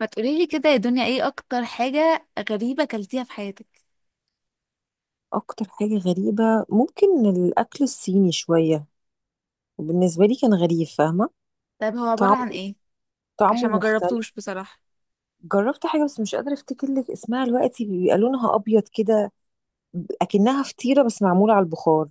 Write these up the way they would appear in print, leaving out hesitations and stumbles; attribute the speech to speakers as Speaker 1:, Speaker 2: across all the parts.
Speaker 1: ما تقولي لي كده يا دنيا، ايه اكتر حاجة غريبة اكلتيها في حياتك؟
Speaker 2: اكتر حاجة غريبة، ممكن الاكل الصيني شوية، وبالنسبة لي كان غريب، فاهمة؟
Speaker 1: طيب هو عبارة
Speaker 2: طعمه
Speaker 1: عن ايه؟ عشان
Speaker 2: طعمه
Speaker 1: ما
Speaker 2: مختلف.
Speaker 1: جربتوش بصراحة.
Speaker 2: جربت حاجة، بس مش قادرة افتكر لك اسمها دلوقتي، بيبقى لونها ابيض كده، اكنها فطيرة بس معمولة على البخار.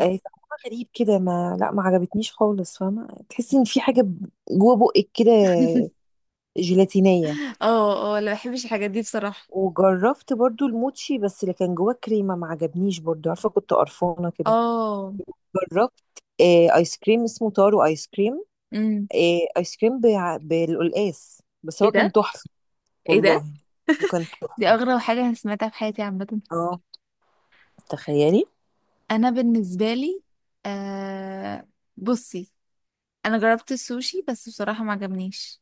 Speaker 2: طعمها غريب كده، ما لا ما عجبتنيش خالص، فاهمة؟ تحسي ان في حاجة جوه بقك كده، جيلاتينية.
Speaker 1: اه، اه، لا بحبش الحاجات دي بصراحة.
Speaker 2: وجربت برضو الموتشي، بس اللي كان جواه كريمة ما عجبنيش برضو، عارفة؟ كنت قرفانة كده.
Speaker 1: اه.
Speaker 2: جربت ايس كريم، اسمه تارو ايس كريم.
Speaker 1: امم.
Speaker 2: إيه ايس كريم بالقلقاس، بس
Speaker 1: ايه
Speaker 2: هو كان
Speaker 1: ده،
Speaker 2: تحفه.
Speaker 1: ايه ده،
Speaker 2: والله، وكان
Speaker 1: دي
Speaker 2: تحفه.
Speaker 1: اغرب حاجة انا سمعتها في حياتي عامة.
Speaker 2: اه، تخيلي.
Speaker 1: انا بالنسبة لي، آه، بصي، انا جربت السوشي بس بصراحة ما عجبنيش.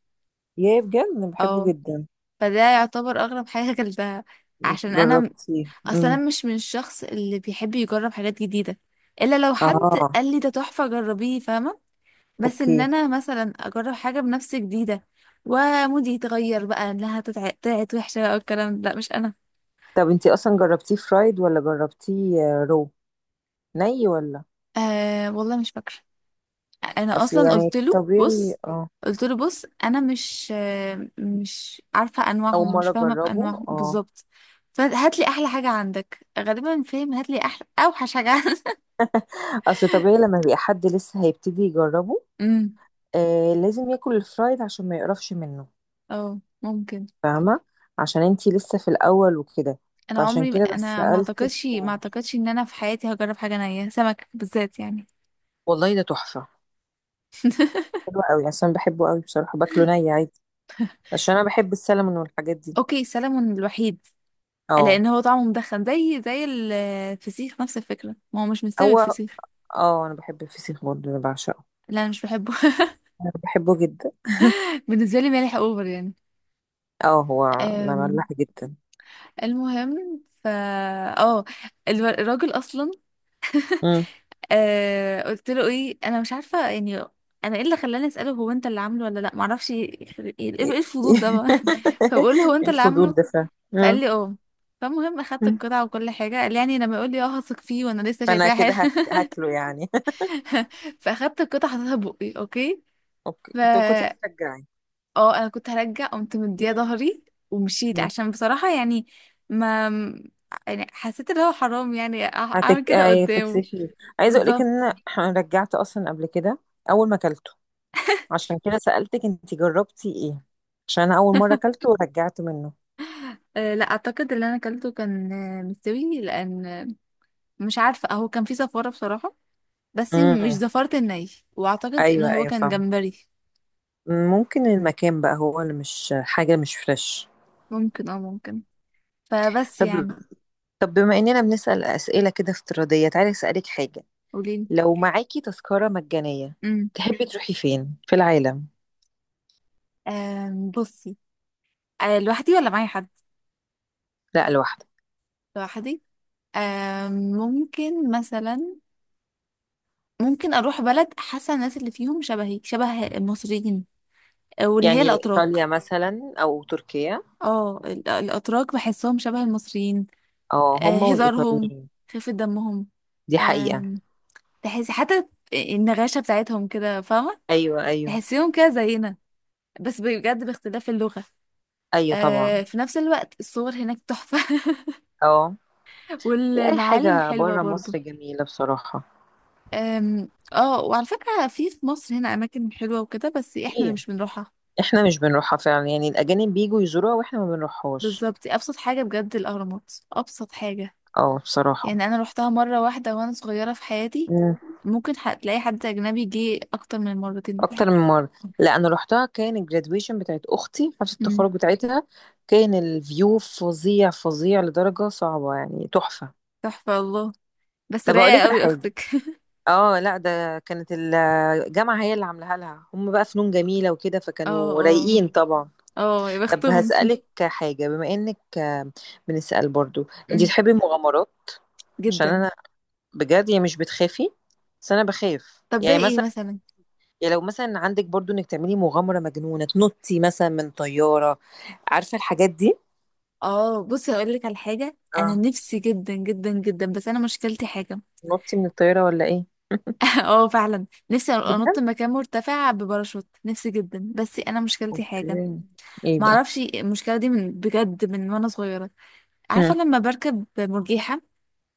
Speaker 2: يا بجد انا
Speaker 1: اه.
Speaker 2: بحبه جدا.
Speaker 1: فده يعتبر اغرب حاجة اكلتها عشان انا،
Speaker 2: جربتيه؟
Speaker 1: اصل انا
Speaker 2: امم.
Speaker 1: مش من الشخص اللي بيحب يجرب حاجات جديده الا لو حد
Speaker 2: اه.
Speaker 1: قال لي ده تحفه جربيه، فاهمه؟ بس ان
Speaker 2: اوكي.
Speaker 1: انا مثلا اجرب حاجه بنفسي جديده ومودي يتغير بقى لا، طلعت وحشه بقى، والكلام ده لا مش انا.
Speaker 2: طب انتي اصلا جربتيه فرايد ولا جربتيه رو ني، ولا؟
Speaker 1: آه، والله مش فاكره. انا
Speaker 2: اصل
Speaker 1: اصلا
Speaker 2: يعني
Speaker 1: قلت له
Speaker 2: طبيعي.
Speaker 1: بص،
Speaker 2: اه،
Speaker 1: قلت له بص انا مش مش عارفه
Speaker 2: اول
Speaker 1: انواعهم، مش
Speaker 2: مره
Speaker 1: فاهمه
Speaker 2: اجربه.
Speaker 1: بانواعهم
Speaker 2: اه،
Speaker 1: بالظبط. فهات لي احلى حاجه عندك، غالبا فاهم، هات لي احلى اوحش حاجه عندك.
Speaker 2: اصل طبيعي لما بيبقى حد لسه هيبتدي يجربه.
Speaker 1: امم.
Speaker 2: لازم ياكل الفرايد عشان ما يقرفش منه،
Speaker 1: اه، ممكن.
Speaker 2: فاهمة؟ عشان انتي لسه في الأول وكده.
Speaker 1: انا
Speaker 2: فعشان
Speaker 1: عمري
Speaker 2: كده بس
Speaker 1: انا ما
Speaker 2: سألتك.
Speaker 1: اعتقدش ما اعتقدش ان انا في حياتي هجرب حاجه نيه، سمك بالذات يعني.
Speaker 2: والله ده تحفة. حلو قوي عشان بحبه قوي بصراحة، باكله ني عادي، عشان أنا بحب السلمون والحاجات دي.
Speaker 1: اوكي، سلمون الوحيد.
Speaker 2: اه.
Speaker 1: لان هو طعمه مدخن زي الفسيخ، نفس الفكره، ما هو مش مستوي
Speaker 2: هو
Speaker 1: الفسيخ.
Speaker 2: اه أنا بحب الفسيخ برضه، أنا بعشقه.
Speaker 1: لا انا مش بحبه.
Speaker 2: أنا بحبه جدا.
Speaker 1: بالنسبه لي مالح اوفر يعني.
Speaker 2: اه، هو انا
Speaker 1: أم،
Speaker 2: مملح جدا.
Speaker 1: المهم ف اه الراجل اصلا.
Speaker 2: مم.
Speaker 1: قلت له ايه، انا مش عارفه يعني. انا ايه اللي خلاني اساله، هو انت اللي عامله ولا لا، معرفش ايه. إيه، إيه الفضول ده بقى؟ فبقول له هو انت اللي
Speaker 2: الفضول
Speaker 1: عامله؟
Speaker 2: ده فعلا.
Speaker 1: فقال
Speaker 2: مم.
Speaker 1: لي اه. فالمهم اخدت
Speaker 2: مم.
Speaker 1: القطعه وكل حاجه. قال لي يعني لما يقول لي اه هثق فيه، وانا لسه
Speaker 2: فأنا
Speaker 1: شايفاها
Speaker 2: كده
Speaker 1: حلو.
Speaker 2: هاكله يعني.
Speaker 1: فاخدت القطعه حطيتها بقي. اوكي.
Speaker 2: اوكي.
Speaker 1: ف
Speaker 2: كنت
Speaker 1: اه انا كنت هرجع، قمت مديه
Speaker 2: هتشجعي.
Speaker 1: ظهري ومشيت، عشان بصراحه يعني ما، يعني حسيت ان هو حرام يعني اعمل
Speaker 2: هتك...
Speaker 1: كده قدامه.
Speaker 2: هتكسفيه. عايزه اقول لك ان
Speaker 1: بالظبط.
Speaker 2: انا رجعت اصلا قبل كده، اول ما اكلته. عشان كده سالتك انت جربتي ايه. عشان انا اول مره اكلته ورجعت منه.
Speaker 1: أه لا، اعتقد اللي انا اكلته كان مستوي، لان مش عارفه، هو كان فيه زفاره بصراحه، بس مش
Speaker 2: امم.
Speaker 1: زفاره الني، واعتقد ان
Speaker 2: ايوه،
Speaker 1: هو
Speaker 2: ايوه،
Speaker 1: كان
Speaker 2: فاهم.
Speaker 1: جمبري.
Speaker 2: ممكن المكان بقى هو اللي مش حاجه مش فريش.
Speaker 1: ممكن اه ممكن. فبس
Speaker 2: طب
Speaker 1: يعني.
Speaker 2: طب بما اننا بنسال اسئله كده افتراضيه، تعالي اسالك حاجه.
Speaker 1: قوليلي.
Speaker 2: لو معاكي تذكره مجانيه،
Speaker 1: امم.
Speaker 2: تحبي تروحي فين في العالم؟
Speaker 1: بصي. لوحدي ولا معايا حد؟
Speaker 2: لا، لوحدك.
Speaker 1: لوحدي. ممكن مثلا، ممكن اروح بلد، حاسه الناس اللي فيهم شبهي شبه المصريين، واللي هي
Speaker 2: يعني
Speaker 1: الاتراك.
Speaker 2: ايطاليا مثلا او تركيا.
Speaker 1: اه، الاتراك بحسهم شبه المصريين.
Speaker 2: اه، هما
Speaker 1: هزارهم،
Speaker 2: والايطاليين،
Speaker 1: خفه دمهم.
Speaker 2: دي حقيقه.
Speaker 1: آم، تحسي حتى النغاشه بتاعتهم كده، فاهمه؟
Speaker 2: أيوه، أيوه،
Speaker 1: تحسيهم كده زينا، بس بجد باختلاف اللغه.
Speaker 2: أيوه طبعًا.
Speaker 1: في نفس الوقت الصور هناك تحفه.
Speaker 2: آه، هي أي
Speaker 1: والمعالم
Speaker 2: حاجة
Speaker 1: حلوه
Speaker 2: برّه
Speaker 1: برضو.
Speaker 2: مصر جميلة بصراحة.
Speaker 1: اه، وعلى فكرة في مصر هنا أماكن حلوة وكده بس احنا اللي
Speaker 2: كتير.
Speaker 1: مش بنروحها.
Speaker 2: إحنا مش بنروحها فعلًا، يعني الأجانب بييجوا يزوروها وإحنا ما بنروحهاش.
Speaker 1: بالظبط، أبسط حاجة بجد الأهرامات، أبسط حاجة.
Speaker 2: آه
Speaker 1: يعني
Speaker 2: بصراحة.
Speaker 1: أنا روحتها مرة واحدة وأنا صغيرة في حياتي.
Speaker 2: إمم.
Speaker 1: ممكن تلاقي حد أجنبي جه أكتر من مرتين ولا
Speaker 2: أكتر
Speaker 1: حاجة.
Speaker 2: من مرّة. لأ أنا رُحتها كان الgraduation بتاعة أختي، حفلة
Speaker 1: أمم.
Speaker 2: التخرُّج بتاعتها. كان الview فظيع، فظيع لدرجة صعبة يعني تحفة.
Speaker 1: تحفة، الله. بس
Speaker 2: طَب أقول
Speaker 1: رايقة
Speaker 2: لِك على
Speaker 1: قوي
Speaker 2: حاجة.
Speaker 1: أختك.
Speaker 2: لأ ده كانت الجامعة هي اللي عاملاها لها، هُم بقى فنون جميلة وكده،
Speaker 1: اه،
Speaker 2: فكانوا
Speaker 1: اه،
Speaker 2: رايقين طبعًا.
Speaker 1: اه، يا
Speaker 2: طَب
Speaker 1: بختهم.
Speaker 2: هاسألِك حاجة، بما إنِّك بنسأل برضو، انتي
Speaker 1: أمم.
Speaker 2: تحبي المغامرات؟ عشان
Speaker 1: جدا.
Speaker 2: انا، بجد يعني مش بتخافي؟ بس انا بخاف
Speaker 1: طب زي
Speaker 2: يعني
Speaker 1: ايه
Speaker 2: مثلا.
Speaker 1: مثلا؟
Speaker 2: يعني لو مثلا عندك برضو انك تعملي مغامرة مجنونة، تنطي مثلا من طيارة، عارفة الحاجات دي؟
Speaker 1: اه، بصي هقول لك على حاجة، أنا
Speaker 2: اه،
Speaker 1: نفسي جدا جدا جدا بس أنا مشكلتي حاجة.
Speaker 2: تنطي من الطيارة ولا ايه؟
Speaker 1: اه، فعلا نفسي انط من
Speaker 2: بجد.
Speaker 1: مكان مرتفع بباراشوت، نفسي جدا بس انا مشكلتي حاجه.
Speaker 2: اوكي. ايه
Speaker 1: ما
Speaker 2: بقى؟
Speaker 1: اعرفش المشكله دي من بجد، من وانا صغيره. عارفه
Speaker 2: مم.
Speaker 1: لما بركب مرجيحه؟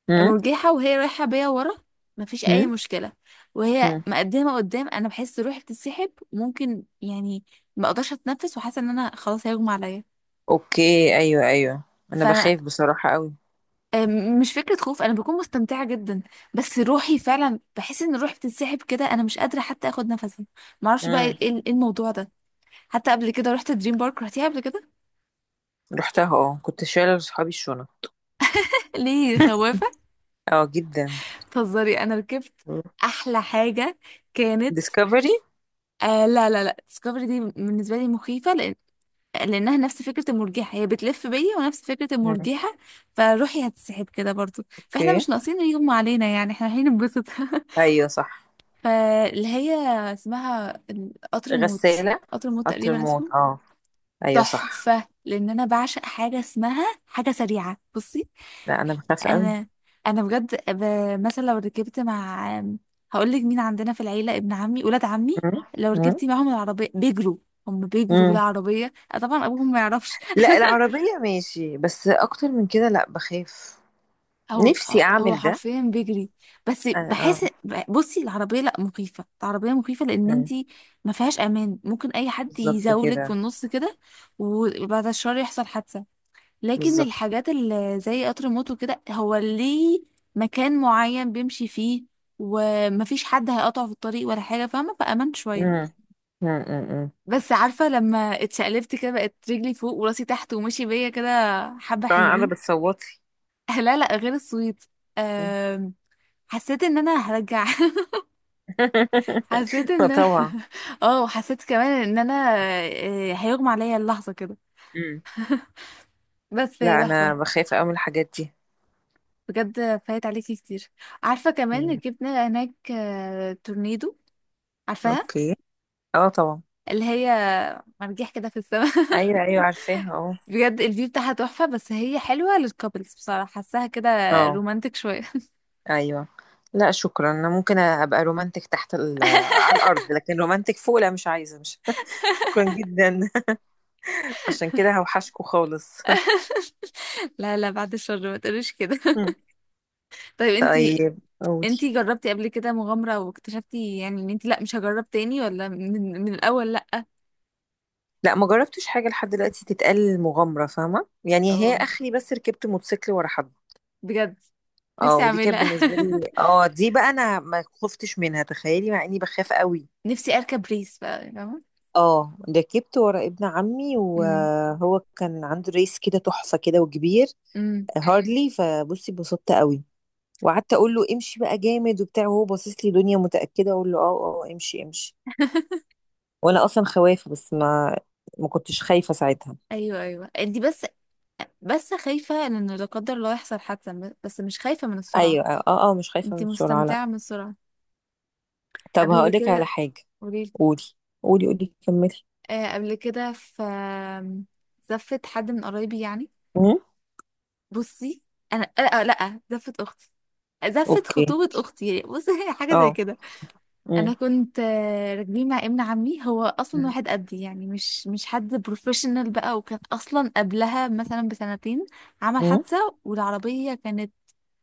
Speaker 2: مم.
Speaker 1: مرجيحه وهي رايحه بيا ورا مفيش اي
Speaker 2: مم.
Speaker 1: مشكله، وهي
Speaker 2: مم.
Speaker 1: مقدمه قدام انا بحس روحي بتتسحب، وممكن يعني ما اقدرش اتنفس، وحاسه ان انا خلاص هيغمى عليا.
Speaker 2: اوكي. ايوه، ايوه، انا
Speaker 1: فانا
Speaker 2: بخاف بصراحة قوي.
Speaker 1: مش فكره خوف، انا بكون مستمتعه جدا بس روحي فعلا بحس ان روحي بتتسحب كده، انا مش قادره حتى اخد نفسي. معرفش بقى ايه،
Speaker 2: مم.
Speaker 1: إيه الموضوع ده. حتى قبل كده رحت دريم بارك، رحتيها قبل كده؟
Speaker 2: رحتها اه كنت شايلة لصحابي الشنط.
Speaker 1: ليه خوافة؟
Speaker 2: اه جدا.
Speaker 1: تهزري؟ انا ركبت احلى حاجة كانت،
Speaker 2: ديسكفري.
Speaker 1: آه لا لا لا، ديسكفري دي بالنسبة لي مخيفة، لأن لانها نفس فكرة المرجحة، هي بتلف بيا ونفس فكرة المرجحة، فروحي هتسحب كده برضو، فاحنا
Speaker 2: اوكي.
Speaker 1: مش ناقصين يغمى علينا، يعني احنا رايحين ننبسط.
Speaker 2: ايوه صح.
Speaker 1: فاللي هي اسمها قطر الموت،
Speaker 2: غسالة.
Speaker 1: قطر الموت
Speaker 2: قطر
Speaker 1: تقريبا
Speaker 2: الموت.
Speaker 1: اسمه.
Speaker 2: اه، ايوه صح.
Speaker 1: تحفة، لأن أنا بعشق حاجة اسمها حاجة سريعة. بصي،
Speaker 2: لا انا بخاف قوي.
Speaker 1: انا انا بجد مثلا لو ركبت مع، هقول لك مين عندنا في العيله، ابن عمي ولاد عمي،
Speaker 2: مم.
Speaker 1: لو
Speaker 2: مم.
Speaker 1: ركبتي معاهم العربيه بيجروا. هم بيجروا
Speaker 2: مم.
Speaker 1: بالعربيه، طبعا ابوهم ما يعرفش.
Speaker 2: لا، العربية ماشي، بس اكتر من كده لا بخاف.
Speaker 1: هو،
Speaker 2: نفسي
Speaker 1: هو
Speaker 2: اعمل ده.
Speaker 1: حرفيا بيجري، بس
Speaker 2: اه. آه.
Speaker 1: بحس، بصي العربيه لا مخيفه، العربيه مخيفه لان
Speaker 2: مم.
Speaker 1: انتي ما فيهاش امان، ممكن اي حد
Speaker 2: بالظبط
Speaker 1: يزاولك في
Speaker 2: كده.
Speaker 1: النص كده، وبعد الشر يحصل حادثه. لكن
Speaker 2: بالظبط.
Speaker 1: الحاجات اللي زي قطر الموت وكده هو ليه مكان معين بيمشي فيه، ومفيش حد هيقطعه في الطريق ولا حاجة، فاهمة؟ فأمنت شوية.
Speaker 2: مم. مم. مم. مم.
Speaker 1: بس عارفة لما اتشقلبت كده، بقت رجلي فوق وراسي تحت، ومشي بيا كده، حبة
Speaker 2: طبعا انا
Speaker 1: حلوين.
Speaker 2: بتصوتي.
Speaker 1: لا لا، غير الصويت.
Speaker 2: مم.
Speaker 1: أم، حسيت ان انا هرجع. حسيت ان أنا-
Speaker 2: فطبعا.
Speaker 1: اه، حسيت كمان ان انا هيغمى عليا اللحظة كده،
Speaker 2: مم.
Speaker 1: بس هي
Speaker 2: لا
Speaker 1: تحفة.
Speaker 2: انا بخاف قوي من الحاجات دي.
Speaker 1: بجد فايت عليكي كتير. عارفة كمان
Speaker 2: مم.
Speaker 1: ركبنا هناك تورنيدو، عارفاها؟
Speaker 2: اوكي. اه طبعا.
Speaker 1: اللي هي مرجيح كده في السماء.
Speaker 2: ايوه، ايوه، عارفاها. اه.
Speaker 1: بجد الفيو بتاعها تحفة، بس هي حلوة للكابلز بصراحة حاساها كده،
Speaker 2: اه.
Speaker 1: رومانتك شوية.
Speaker 2: ايوه. لا شكرا، انا ممكن ابقى رومانتك تحت على الارض، لكن رومانتك فوق لا، مش عايزه، مش. شكرا جدا. عشان كده هوحشكوا خالص.
Speaker 1: لا لا، بعد الشر ما تقوليش كده. طيب انتي،
Speaker 2: طيب قولي.
Speaker 1: انتي جربتي قبل كده مغامرة واكتشفتي يعني ان انتي لا مش هجرب تاني، ولا من الاول لا؟
Speaker 2: لا ما جربتش حاجه لحد دلوقتي تتقال مغامره، فاهمه؟ يعني هي
Speaker 1: اه،
Speaker 2: اخري، بس ركبت موتوسيكل ورا حد.
Speaker 1: بجد
Speaker 2: اه،
Speaker 1: نفسي
Speaker 2: ودي كانت
Speaker 1: اعملها.
Speaker 2: بالنسبه لي، دي بقى انا ما خفتش منها، تخيلي، مع اني بخاف قوي.
Speaker 1: نفسي اركب ريس بقى، فاهمة؟
Speaker 2: اه، ركبت ورا ابن عمي
Speaker 1: امم.
Speaker 2: وهو كان عنده ريس كده تحفه كده وكبير،
Speaker 1: امم.
Speaker 2: هارلي. فبصي اتبسطت قوي، وقعدت اقول له امشي بقى جامد وبتاع، وهو باصص لي دنيا متاكده؟ اقول له اه. اه، امشي امشي. وانا اصلا خوافه، بس ما كنتش خايفه ساعتها.
Speaker 1: ايوه، ايوه، انتي بس، بس خايفة ان لا قدر الله يحصل حادثة، بس مش خايفة من السرعة.
Speaker 2: ايوه. اه. اه. مش خايفه من
Speaker 1: انتي
Speaker 2: السرعه لا.
Speaker 1: مستمتعة من السرعة.
Speaker 2: طب
Speaker 1: قبل
Speaker 2: هقولك على
Speaker 1: كده.
Speaker 2: حاجه.
Speaker 1: قوليلي.
Speaker 2: قولي. قولي قولي كملي.
Speaker 1: قبل كده في زفت حد من قرايبي يعني.
Speaker 2: امم.
Speaker 1: بصي انا، لا زفت اختي، زفت
Speaker 2: اوكي.
Speaker 1: خطوبة اختي يعني بصي. حاجة زي
Speaker 2: اه.
Speaker 1: كده. انا
Speaker 2: امم.
Speaker 1: كنت راكبين مع ابن عمي، هو اصلا واحد قدي يعني مش حد بروفيشنال بقى، وكان اصلا قبلها مثلا بسنتين عمل
Speaker 2: امم.
Speaker 1: حادثة، والعربية كانت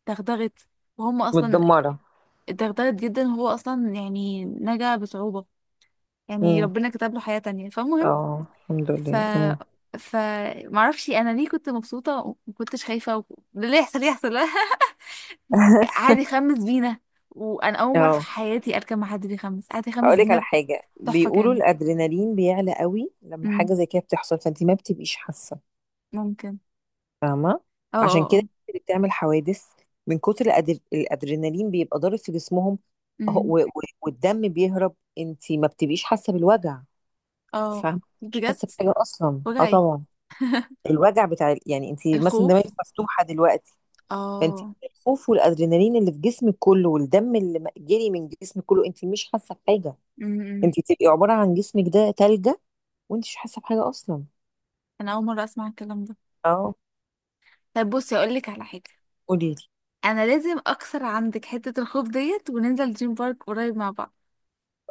Speaker 1: دغدغت، وهم اصلا
Speaker 2: متدمره.
Speaker 1: اتدغدغت جدا، هو اصلا يعني نجا بصعوبة، يعني
Speaker 2: امم.
Speaker 1: ربنا كتب له حياة تانية. فالمهم،
Speaker 2: اه الحمد
Speaker 1: ف
Speaker 2: لله. امم.
Speaker 1: ف معرفش انا ليه كنت مبسوطة ومكنتش خايفة، و... اللي يحصل يحصل. قعد يخمس بينا، وانا اول مرة في
Speaker 2: اه،
Speaker 1: حياتي اركب مع حد بيخمس، قعد يخمس
Speaker 2: هقولك على
Speaker 1: بينا.
Speaker 2: حاجه.
Speaker 1: تحفة
Speaker 2: بيقولوا
Speaker 1: كان.
Speaker 2: الادرينالين بيعلى قوي لما
Speaker 1: امم.
Speaker 2: حاجه زي كده بتحصل، فانت ما بتبقيش حاسه،
Speaker 1: ممكن.
Speaker 2: فاهمة؟
Speaker 1: اه، اه،
Speaker 2: عشان كده
Speaker 1: اه.
Speaker 2: الناس اللي بتعمل حوادث، من كتر الأدرينالين بيبقى ضارب في جسمهم. أهو-
Speaker 1: امم.
Speaker 2: و... و... والدم بيهرب، انت ما بتبقيش حاسة بالوجع،
Speaker 1: اه،
Speaker 2: فاهمة؟ مش
Speaker 1: بجد.
Speaker 2: حاسة بحاجة أصلا. اه
Speaker 1: وجعي.
Speaker 2: طبعا. الوجع بتاع يعني انت مثلا
Speaker 1: الخوف.
Speaker 2: دماغك مفتوحة دلوقتي. فانت،
Speaker 1: اه.
Speaker 2: الخوف والأدرينالين اللي في جسمك كله والدم اللي جري من جسمك كله، انت مش حاسة بحاجة.
Speaker 1: امم.
Speaker 2: انت بتبقي عبارة عن جسمك ده تلجة، وانت مش حاسة بحاجة أصلا.
Speaker 1: انا اول مرة اسمع الكلام ده.
Speaker 2: اه.
Speaker 1: طيب بصي اقول لك على حاجة،
Speaker 2: قولي لي.
Speaker 1: انا لازم اكسر عندك حتة الخوف ديت، وننزل دريم بارك قريب مع بعض.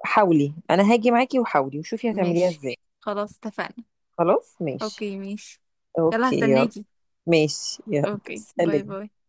Speaker 2: حاولي. انا هاجي معاكي وحاولي وشوفي هتعمليها
Speaker 1: ماشي،
Speaker 2: ازاي.
Speaker 1: خلاص اتفقنا.
Speaker 2: خلاص ماشي
Speaker 1: اوكي ماشي. يلا
Speaker 2: اوكي يلا.
Speaker 1: هستناكي.
Speaker 2: ماشي، يلا
Speaker 1: اوكي، باي
Speaker 2: سلام.
Speaker 1: باي.